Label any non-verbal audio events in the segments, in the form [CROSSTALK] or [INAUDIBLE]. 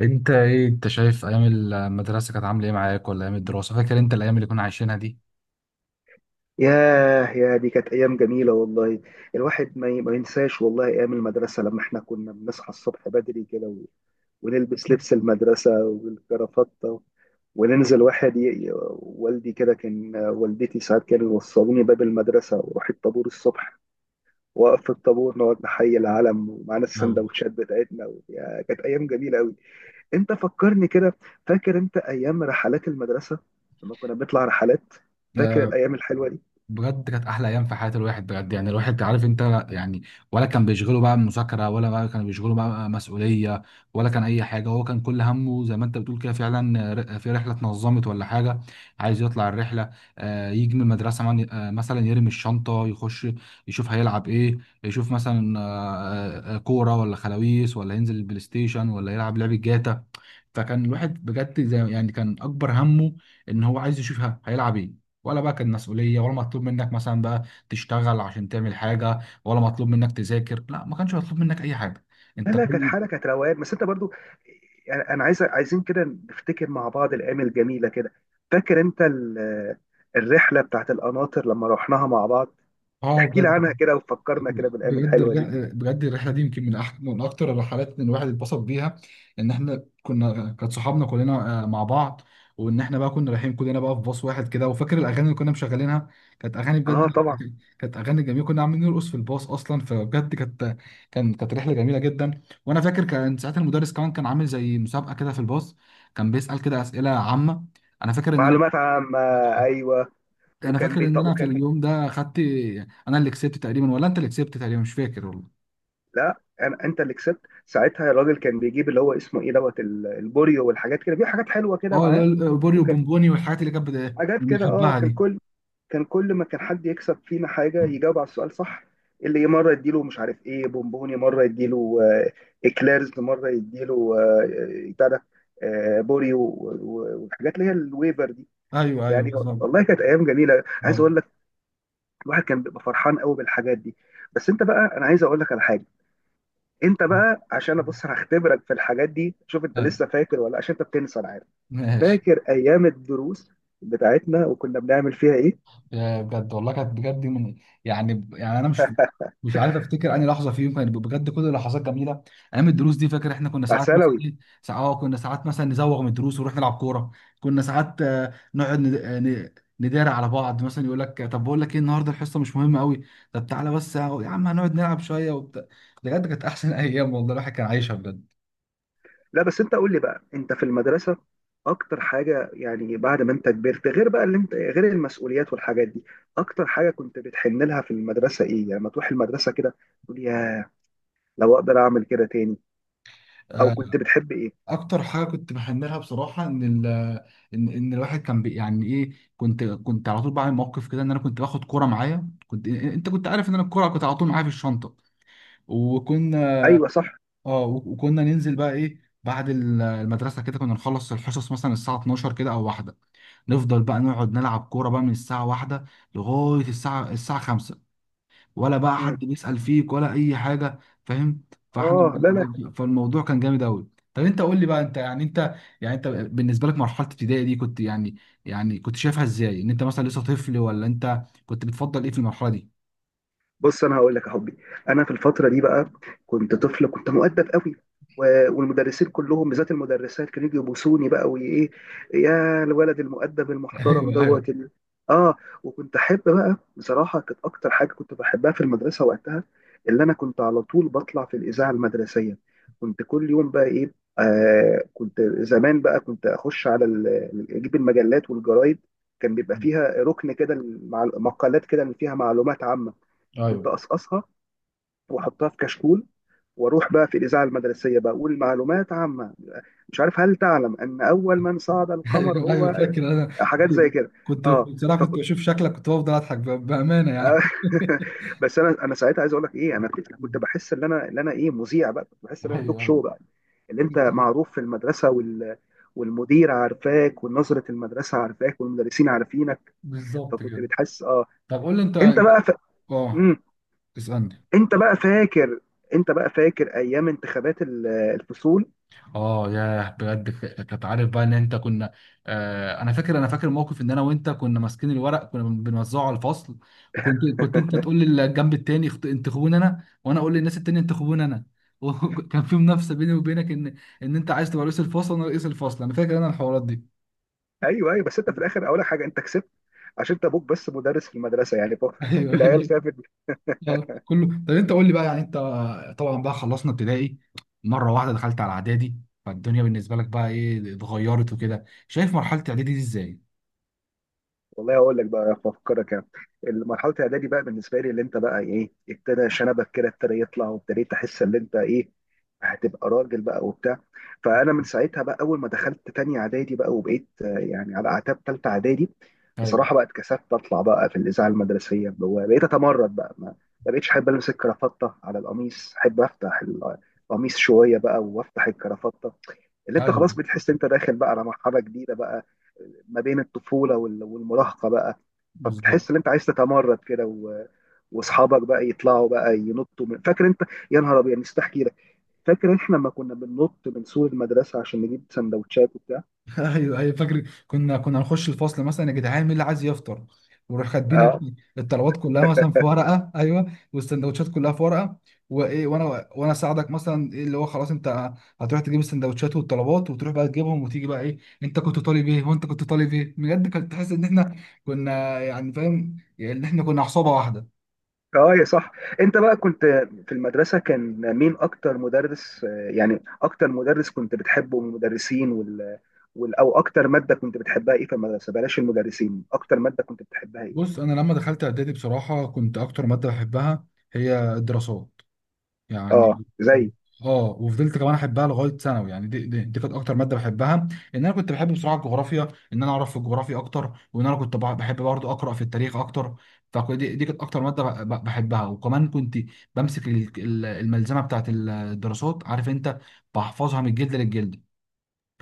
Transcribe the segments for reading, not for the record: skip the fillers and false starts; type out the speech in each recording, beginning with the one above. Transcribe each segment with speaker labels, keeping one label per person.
Speaker 1: انت شايف ايام المدرسه كانت عامله ايه معاك، ولا ايام الدراسه؟ فاكر انت الايام اللي كنا عايشينها دي؟
Speaker 2: ياه، يا دي كانت أيام جميلة والله. الواحد ما ينساش والله أيام المدرسة، لما إحنا كنا بنصحى الصبح بدري كده ونلبس لبس المدرسة والكرافتة، وننزل واحد ي- والدي كده، كان والدتي ساعات كانوا يوصلوني باب المدرسة وأروح الطابور الصبح، وأقف في الطابور نقعد نحيي العلم ومعانا السندوتشات بتاعتنا يا كانت أيام جميلة أوي. أنت فكرني كده. فاكر أنت أيام رحلات المدرسة لما كنا بنطلع رحلات؟ فاكر
Speaker 1: أيوة.
Speaker 2: الأيام الحلوة دي؟
Speaker 1: بجد كانت احلى ايام في حياه الواحد، بجد يعني. الواحد عارف انت يعني، ولا كان بيشغله بقى مذاكره، ولا بقى كان بيشغله بقى مسؤوليه، ولا كان اي حاجه. هو كان كل همه زي ما انت بتقول كده، فعلا في رحله اتنظمت ولا حاجه، عايز يطلع الرحله. يجي من المدرسه، مثلا يرمي الشنطه، يخش، يشوف هيلعب ايه. يشوف مثلا كوره، ولا خلاويص، ولا ينزل البلاي ستيشن، ولا يلعب لعبه جاتا. فكان الواحد بجد زي يعني كان اكبر همه ان هو عايز يشوف هيلعب ايه، ولا بقى كان مسؤوليه، ولا مطلوب منك مثلا بقى تشتغل عشان تعمل حاجه، ولا مطلوب منك تذاكر. لا، ما كانش مطلوب منك اي حاجه.
Speaker 2: لا
Speaker 1: انت
Speaker 2: لا، كانت
Speaker 1: كل...
Speaker 2: حاله، كانت روقان، بس انت برضو يعني انا عايزين كده نفتكر مع بعض الايام الجميله كده. فاكر انت الرحله بتاعت القناطر لما رحناها مع بعض؟
Speaker 1: اه،
Speaker 2: احكي لي
Speaker 1: بجد.
Speaker 2: عنها كده وفكرنا كده بالايام
Speaker 1: بجد
Speaker 2: الحلوه دي.
Speaker 1: الرحلة، بجد الرحلة دي يمكن من من أكتر الرحلات إن الواحد اتبسط بيها. إن إحنا كانت صحابنا كلنا مع بعض. وإن إحنا بقى كنا رايحين كلنا بقى في باص واحد كده. وفاكر الأغاني اللي كنا مشغلينها؟ كانت أغاني
Speaker 2: اه
Speaker 1: بجد [LAUGHS]
Speaker 2: طبعا.
Speaker 1: كانت أغاني جميلة. كنا عاملين نرقص في الباص أصلا، فبجد كانت رحلة جميلة جدا. وأنا فاكر كان ساعتها المدرس كمان كان عامل زي مسابقة كده في الباص، كان بيسأل كده أسئلة عامة. أنا فاكر إن أنا
Speaker 2: معلومات عامه، ايوه.
Speaker 1: أنا
Speaker 2: وكان
Speaker 1: فاكر
Speaker 2: بيط...
Speaker 1: إن أنا في
Speaker 2: وكان بي...
Speaker 1: اليوم ده خدت... أنا اللي كسبت تقريبا، ولا أنت اللي كسبت تقريبا؟ مش فاكر والله.
Speaker 2: لا أنا... انت اللي كسبت ساعتها. الراجل كان بيجيب اللي هو اسمه ايه دوت البوريو والحاجات كده، بيجيب حاجات حلوه كده
Speaker 1: اه، اللي
Speaker 2: معاه.
Speaker 1: هي البوري
Speaker 2: وكان
Speaker 1: وبونبوني والحاجات اللي كانت
Speaker 2: حاجات كده، اه.
Speaker 1: بنحبها
Speaker 2: كان
Speaker 1: دي.
Speaker 2: كل كان كل ما كان حد يكسب فينا حاجة يجاوب على السؤال صح، اللي مرة يديله مش عارف ايه بونبوني، مرة يديله اكليرز، مرة يديله بتاع ده، بوري والحاجات اللي هي الويفر دي.
Speaker 1: ايوه ايوه،
Speaker 2: يعني
Speaker 1: بالظبط.
Speaker 2: والله كانت ايام جميلة، عايز اقول
Speaker 1: بوري.
Speaker 2: لك. الواحد كان بيبقى فرحان قوي بالحاجات دي. بس انت بقى، انا عايز اقول لك على حاجة. انت بقى، عشان ابص هختبرك في الحاجات دي. شوف انت
Speaker 1: ايوه،
Speaker 2: لسه فاكر ولا لأ، عشان انت بتنسى، انا عارف.
Speaker 1: ماشي.
Speaker 2: فاكر ايام الدروس بتاعتنا وكنا بنعمل فيها ايه؟
Speaker 1: يا بجد والله كانت بجد من... يعني انا مش عارف افتكر اني لحظه فيهم، كانت بجد كل اللحظات جميله. ايام الدروس دي فاكر؟ احنا كنا
Speaker 2: على
Speaker 1: ساعات مثلا
Speaker 2: ثانوي.
Speaker 1: ايه، ساعات مثلا نزوغ من الدروس ونروح نلعب كوره. كنا ساعات نقعد، نداري على بعض، مثلا يقول لك: طب بقول لك ايه، النهارده الحصه مش مهمه قوي، طب تعالى بس يا عم هنقعد نلعب شويه وبتاع. بجد كانت احسن [LAUGHS] ايام والله، الواحد كان عايشها بجد.
Speaker 2: لا، بس انت قول لي بقى، انت في المدرسه اكتر حاجه يعني بعد ما انت كبرت، غير بقى اللي انت غير المسؤوليات والحاجات دي، اكتر حاجه كنت بتحن لها في المدرسه ايه؟ يعني لما تروح المدرسه كده تقول يا، لو اقدر اعمل كده تاني، او
Speaker 1: آه،
Speaker 2: كنت بتحب ايه؟
Speaker 1: اكتر حاجه كنت بحملها بصراحه، ان ال ان ان الواحد كان يعني ايه، كنت على طول بعمل موقف كده ان انا كنت باخد كوره معايا. انت كنت عارف ان انا الكوره كنت على طول معايا في الشنطه. وكنا
Speaker 2: ايوه صح.
Speaker 1: اه وكنا ننزل بقى ايه بعد المدرسه كده. كنا نخلص الحصص مثلا الساعه 12 كده او واحده، نفضل بقى نقعد نلعب كوره بقى من الساعه واحده لغايه الساعه 5، ولا بقى
Speaker 2: امم.
Speaker 1: حد بيسأل فيك ولا اي حاجه، فاهم؟ فاحنا
Speaker 2: اه، لا لا.
Speaker 1: بجد... فالموضوع كان جامد قوي. طب انت قول لي بقى، انت بالنسبه لك مرحله ابتدائي دي كنت يعني كنت شايفها ازاي؟ ان انت مثلا لسه طفل، ولا انت كنت بتفضل ايه في المرحله دي؟
Speaker 2: بص انا هقول لك يا حبي، انا في الفتره دي بقى كنت طفل، كنت مؤدب قوي، والمدرسين كلهم بالذات المدرسات كانوا يجوا يبوسوني بقى وايه، يا الولد المؤدب
Speaker 1: [LAUGHS]
Speaker 2: المحترم
Speaker 1: ايوه ايوه،
Speaker 2: دوت ال... اه. وكنت احب بقى، بصراحه كانت اكتر حاجه كنت بحبها في المدرسه وقتها، اللي انا كنت على طول بطلع في الاذاعه المدرسيه. كنت كل يوم بقى ايه، آه، كنت زمان بقى كنت اخش على اجيب المجلات والجرايد. كان بيبقى فيها ركن كده مع مقالات كده اللي فيها معلومات عامه، كنت
Speaker 1: ايوه
Speaker 2: اقصقصها واحطها في كشكول، واروح بقى في الاذاعه المدرسيه بقى اقول معلومات عامه. مش عارف، هل تعلم ان اول من صعد القمر
Speaker 1: ايوه ايوه،
Speaker 2: هو،
Speaker 1: فاكر انا.
Speaker 2: حاجات
Speaker 1: كنت
Speaker 2: زي كده.
Speaker 1: كنت
Speaker 2: اه.
Speaker 1: بصراحه، كنت
Speaker 2: فكنت
Speaker 1: بشوف شكلك، كنت بفضل اضحك بامانه يعني. [LAUGHS]
Speaker 2: [LAUGHS] بس انا ساعتها عايز اقول لك ايه، انا كنت بحس ان انا ايه، مذيع بقى. كنت بحس ان انا توك
Speaker 1: ايوه
Speaker 2: شو
Speaker 1: ايوه،
Speaker 2: بقى، اللي انت
Speaker 1: بالظبط.
Speaker 2: معروف في المدرسه والمدير عارفاك، ونظره المدرسه عارفاك، والمدرسين عارفينك.
Speaker 1: بالظبط
Speaker 2: فكنت
Speaker 1: كده.
Speaker 2: بتحس اه.
Speaker 1: طب قول لي انت.
Speaker 2: انت بقى ف...
Speaker 1: اه، اسالني.
Speaker 2: انت بقى فاكر، انت بقى فاكر ايام انتخابات الفصول؟
Speaker 1: اه ياه بجد، كنت عارف بقى ان انت كنا... انا فاكر موقف ان انا وانت كنا ماسكين الورق، كنا بنوزعه على الفصل. وكنت انت تقول للجنب التاني انتخبوني انا، وانا اقول للناس التانية انتخبوني انا. [LAUGHS] وكان في منافسة بيني وبينك، ان انت عايز تبقى رئيس الفصل، وانا رئيس الفصل. انا فاكر انا الحوارات دي.
Speaker 2: ايوه ايوه، بس انت في الاخر اول حاجه انت كسبت عشان انت ابوك بس مدرس في المدرسه يعني [LAUGHS]
Speaker 1: [LAUGHS] ايوه
Speaker 2: العيال
Speaker 1: ايوه،
Speaker 2: شافت.
Speaker 1: كله. طب انت قول لي بقى، يعني انت... طبعا بقى خلصنا ابتدائي، مرة واحدة دخلت على اعدادي. فالدنيا بالنسبة لك بقى ايه، اتغيرت وكده؟ شايف مرحلة اعدادي دي ازاي؟
Speaker 2: والله هقول لك بقى افكرك يعني، مرحله الاعدادي بقى بالنسبه لي، اللي انت بقى ايه ابتدى شنبك كده ابتدى يطلع، وابتديت احس ان انت ايه هتبقى راجل بقى وبتاع. فانا من ساعتها بقى، اول ما دخلت تانية اعدادي بقى، وبقيت يعني على اعتاب تالتة اعدادي
Speaker 1: ايوه
Speaker 2: بصراحه بقى، اتكسفت اطلع بقى في الاذاعه المدرسيه، اللي هو بقيت اتمرد بقى. ما بقيتش احب البس الكرافته على القميص، احب افتح القميص شويه بقى وافتح الكرافته. اللي انت
Speaker 1: ايوه،
Speaker 2: خلاص بتحس انت داخل بقى على مرحله جديده بقى، ما بين الطفوله والمراهقه بقى. فبتحس
Speaker 1: بالظبط.
Speaker 2: ان انت عايز تتمرد كده واصحابك بقى يطلعوا بقى ينطوا من... فاكر انت، يا نهار ابيض نسيت احكي لك. فاكر احنا لما كنا بننط من سور المدرسه عشان نجيب سندوتشات وبتاع؟
Speaker 1: [LAUGHS] ايوه ايوه، فاكر. كنا نخش الفصل مثلا: يا جدعان، مين اللي عايز يفطر؟ ونروح كاتبين
Speaker 2: اه.
Speaker 1: الطلبات كلها مثلا في ورقه، ايوه، والسندوتشات كلها في ورقه. وايه، وانا اساعدك مثلا، ايه اللي هو خلاص انت هتروح تجيب السندوتشات والطلبات، وتروح بقى تجيبهم، وتيجي بقى ايه. انت كنت طالب ايه، وانت كنت طالب ايه. بجد كنت تحس ان احنا كنا يعني، فاهم يعني، ان احنا كنا عصابه واحده.
Speaker 2: اه يا صح. انت بقى كنت في المدرسه كان مين اكتر مدرس يعني اكتر مدرس كنت بتحبه من المدرسين او اكتر ماده كنت بتحبها ايه في المدرسه؟ بلاش المدرسين، اكتر ماده كنت بتحبها ايه؟
Speaker 1: بص، انا لما دخلت اعدادي بصراحه كنت اكتر ماده بحبها هي الدراسات
Speaker 2: اه
Speaker 1: يعني.
Speaker 2: زي.
Speaker 1: اه، وفضلت كمان احبها لغايه ثانوي يعني. دي كانت اكتر ماده بحبها. ان انا كنت بحب بصراحه الجغرافيا، ان انا اعرف في الجغرافيا اكتر، وان انا كنت بحب برضه اقرا في التاريخ اكتر. فدي كانت اكتر ماده بحبها. وكمان كنت بمسك الملزمه بتاعت الدراسات، عارف انت، بحفظها من الجلد للجلد،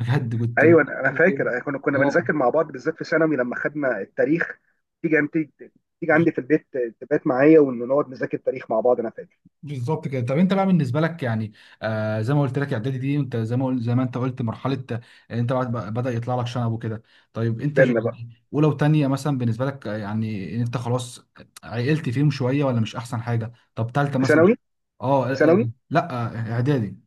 Speaker 1: بجد كنت.
Speaker 2: ايوه انا. أنا فاكر أنا كنا
Speaker 1: [LAUGHS]
Speaker 2: كنا بنذاكر
Speaker 1: اه،
Speaker 2: مع بعض، بالذات في ثانوي لما خدنا التاريخ. تيجي انت عندي في البيت، تبات معايا ونقعد نذاكر تاريخ مع بعض، انا فاكر.
Speaker 1: بالظبط كده. طب انت بقى بالنسبه لك يعني، آه زي ما قلت لك اعدادي دي، انت زي ما انت قلت مرحله انت بعد بدا يطلع لك شنب وكده. طيب انت
Speaker 2: بينا بقى.
Speaker 1: يعني اولى وثانيه مثلا بالنسبه لك، يعني ان انت خلاص عقلت فيهم شويه، ولا مش احسن حاجه؟ طب ثالثه
Speaker 2: في
Speaker 1: مثلا.
Speaker 2: ثانوي،
Speaker 1: اه.
Speaker 2: في ثانوي.
Speaker 1: لا، اعدادي.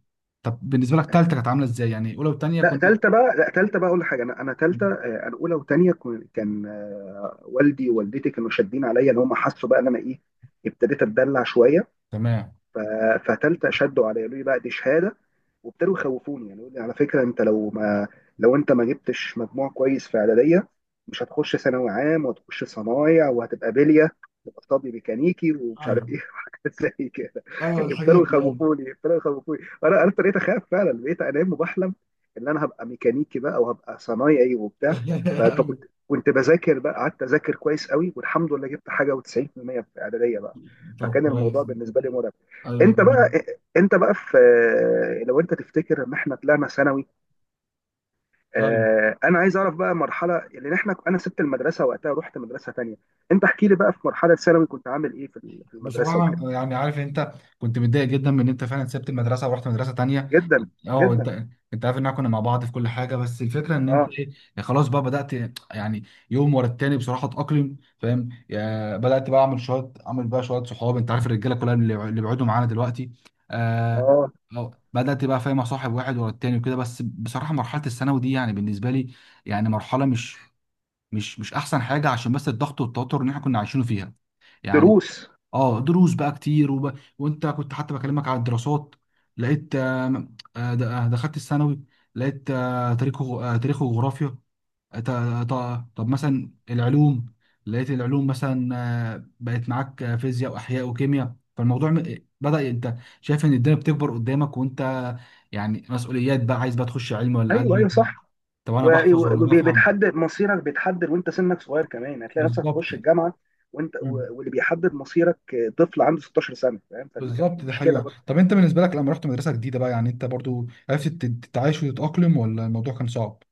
Speaker 1: طب بالنسبه لك ثالثه كانت عامله ازاي؟ يعني اولى وثانيه
Speaker 2: لا
Speaker 1: كنت...
Speaker 2: ثالثه بقى، لا ثالثه بقى اقول لك حاجه. انا اولى وثانيه كان والدي ووالدتي كانوا شادين عليا، ان هم حسوا بقى ان انا ايه، ابتديت اتدلع شويه.
Speaker 1: تمام.
Speaker 2: ف- فتالتة شدوا عليا، قالوا لي بقى دي شهاده، وابتدوا يخوفوني يعني. يقول لي على فكره، انت لو ما لو انت ما جبتش مجموع كويس في اعداديه، مش هتخش ثانوي عام وهتخش صنايع وهتبقى بليه، تبقى طبي ميكانيكي ومش عارف
Speaker 1: ايوه
Speaker 2: ايه [LAUGHS] وحاجات زي كده.
Speaker 1: ايوه، الحاجات دي، ايوه.
Speaker 2: ابتدوا يخوفوني، انا ابتديت اخاف فعلا. بقيت انام وبحلم ان انا هبقى ميكانيكي بقى، وهبقى صنايعي
Speaker 1: [LAUGHS]
Speaker 2: وبتاع. ف-
Speaker 1: ايوه.
Speaker 2: فكنت كنت بذاكر بقى، قعدت اذاكر كويس قوي، والحمد لله جبت حاجه و90% في اعداديه بقى.
Speaker 1: طب
Speaker 2: فكان الموضوع
Speaker 1: كويس.
Speaker 2: بالنسبه لي مرعب.
Speaker 1: ايوه
Speaker 2: انت بقى،
Speaker 1: جميل.
Speaker 2: انت بقى في، لو انت تفتكر لما احنا طلعنا ثانوي، اه، انا عايز اعرف بقى مرحله لان احنا، انا سبت المدرسه وقتها، رحت مدرسه تانية. انت احكي لي بقى في مرحله ثانوي كنت عامل ايه في في المدرسه وكده؟
Speaker 1: بصراحة يعني عارف انت، كنت متضايق جدا من ان انت فعلا سبت المدرسة ورحت مدرسة تانية.
Speaker 2: جدا.
Speaker 1: اه.
Speaker 2: جدا.
Speaker 1: انت عارف ان احنا كنا مع بعض في كل حاجة، بس الفكرة ان انت
Speaker 2: اه.
Speaker 1: ايه، يعني خلاص بقى بدأت. يعني يوم ورا التاني بصراحة اتأقلم، فاهم، بدأت بقى اعمل بقى شوية صحاب. انت عارف الرجالة كلها اللي بيقعدوا معانا دلوقتي. آه
Speaker 2: اه
Speaker 1: اه، بدأت بقى فاهم اصاحب واحد ورا التاني وكده. بس بصراحة مرحلة الثانوي دي يعني بالنسبة لي يعني مرحلة، مش احسن حاجة، عشان بس الضغط والتوتر اللي احنا كنا عايشينه فيها يعني.
Speaker 2: دروس.
Speaker 1: اه، دروس بقى كتير، وانت كنت حتى بكلمك على الدراسات، لقيت دخلت الثانوي، لقيت تاريخ وجغرافيا. آه، ط- طب مثلا العلوم، لقيت العلوم مثلا بقت معاك فيزياء واحياء وكيمياء. فالموضوع بدأ انت شايف ان الدنيا بتكبر قدامك، وانت يعني مسؤوليات بقى. عايز بقى تخش علم ولا
Speaker 2: ايوه
Speaker 1: ادبي؟
Speaker 2: ايوه صح.
Speaker 1: طب انا بحفظ ولا بفهم؟
Speaker 2: وبيتحدد مصيرك، بيتحدد وانت سنك صغير كمان، هتلاقي نفسك
Speaker 1: بالظبط
Speaker 2: تخش
Speaker 1: يعني.
Speaker 2: الجامعه. وانت واللي بيحدد مصيرك اه، طفل عنده 16 سنه، فاهم؟ فدي كانت
Speaker 1: بالظبط، دي
Speaker 2: مشكله.
Speaker 1: حقيقة. طب انت بالنسبة لك لما رحت مدرسة جديدة بقى، يعني انت برضو عرفت تتعايش وتتأقلم، ولا الموضوع كان صعب؟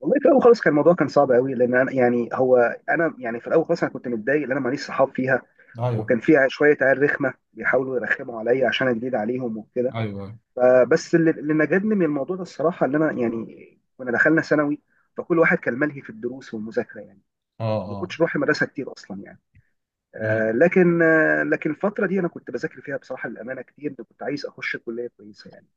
Speaker 2: والله في الاول خالص كان الموضوع كان صعب قوي، لان انا يعني هو، انا يعني في الاول خالص انا كنت متضايق، لان انا ماليش صحاب فيها.
Speaker 1: ايوه
Speaker 2: وكان في شويه عيال رخمه بيحاولوا يرخموا عليا عشان انا جديد عليهم وكده.
Speaker 1: ايوه،
Speaker 2: فبس اللي نجدني من الموضوع ده الصراحه، ان انا يعني كنا دخلنا ثانوي، فكل واحد كان ملهي في الدروس والمذاكره يعني.
Speaker 1: اه
Speaker 2: ما
Speaker 1: اه.
Speaker 2: كنتش بروح المدرسه كتير اصلا يعني.
Speaker 1: أيوة.
Speaker 2: لكن الفتره دي انا كنت بذاكر فيها بصراحه للامانه كتير، كنت عايز اخش كليه كويسه يعني.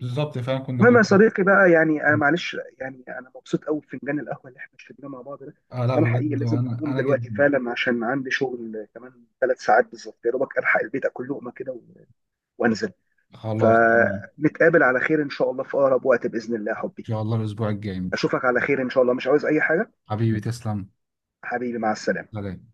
Speaker 1: بالظبط فعلا،
Speaker 2: المهم يا
Speaker 1: كنت
Speaker 2: صديقي بقى، يعني انا معلش، يعني انا مبسوط قوي بفنجان القهوه اللي احنا شربناه مع بعض ده. بس
Speaker 1: لا
Speaker 2: انا حقيقي
Speaker 1: بجد
Speaker 2: لازم
Speaker 1: انا
Speaker 2: اقوم
Speaker 1: انا
Speaker 2: دلوقتي
Speaker 1: جدا.
Speaker 2: فعلا عشان عندي شغل كمان 3 ساعات بالظبط، يا دوبك الحق البيت اكل لقمه كده وانزل.
Speaker 1: خلاص تمام. ان
Speaker 2: فنتقابل على خير ان شاء الله في اقرب وقت باذن الله يا حبي.
Speaker 1: شاء الله الاسبوع الجاي، مش؟
Speaker 2: اشوفك على خير ان شاء الله، مش عاوز اي حاجه.
Speaker 1: حبيبي تسلم.
Speaker 2: حبيبي مع السلامه.
Speaker 1: سلام.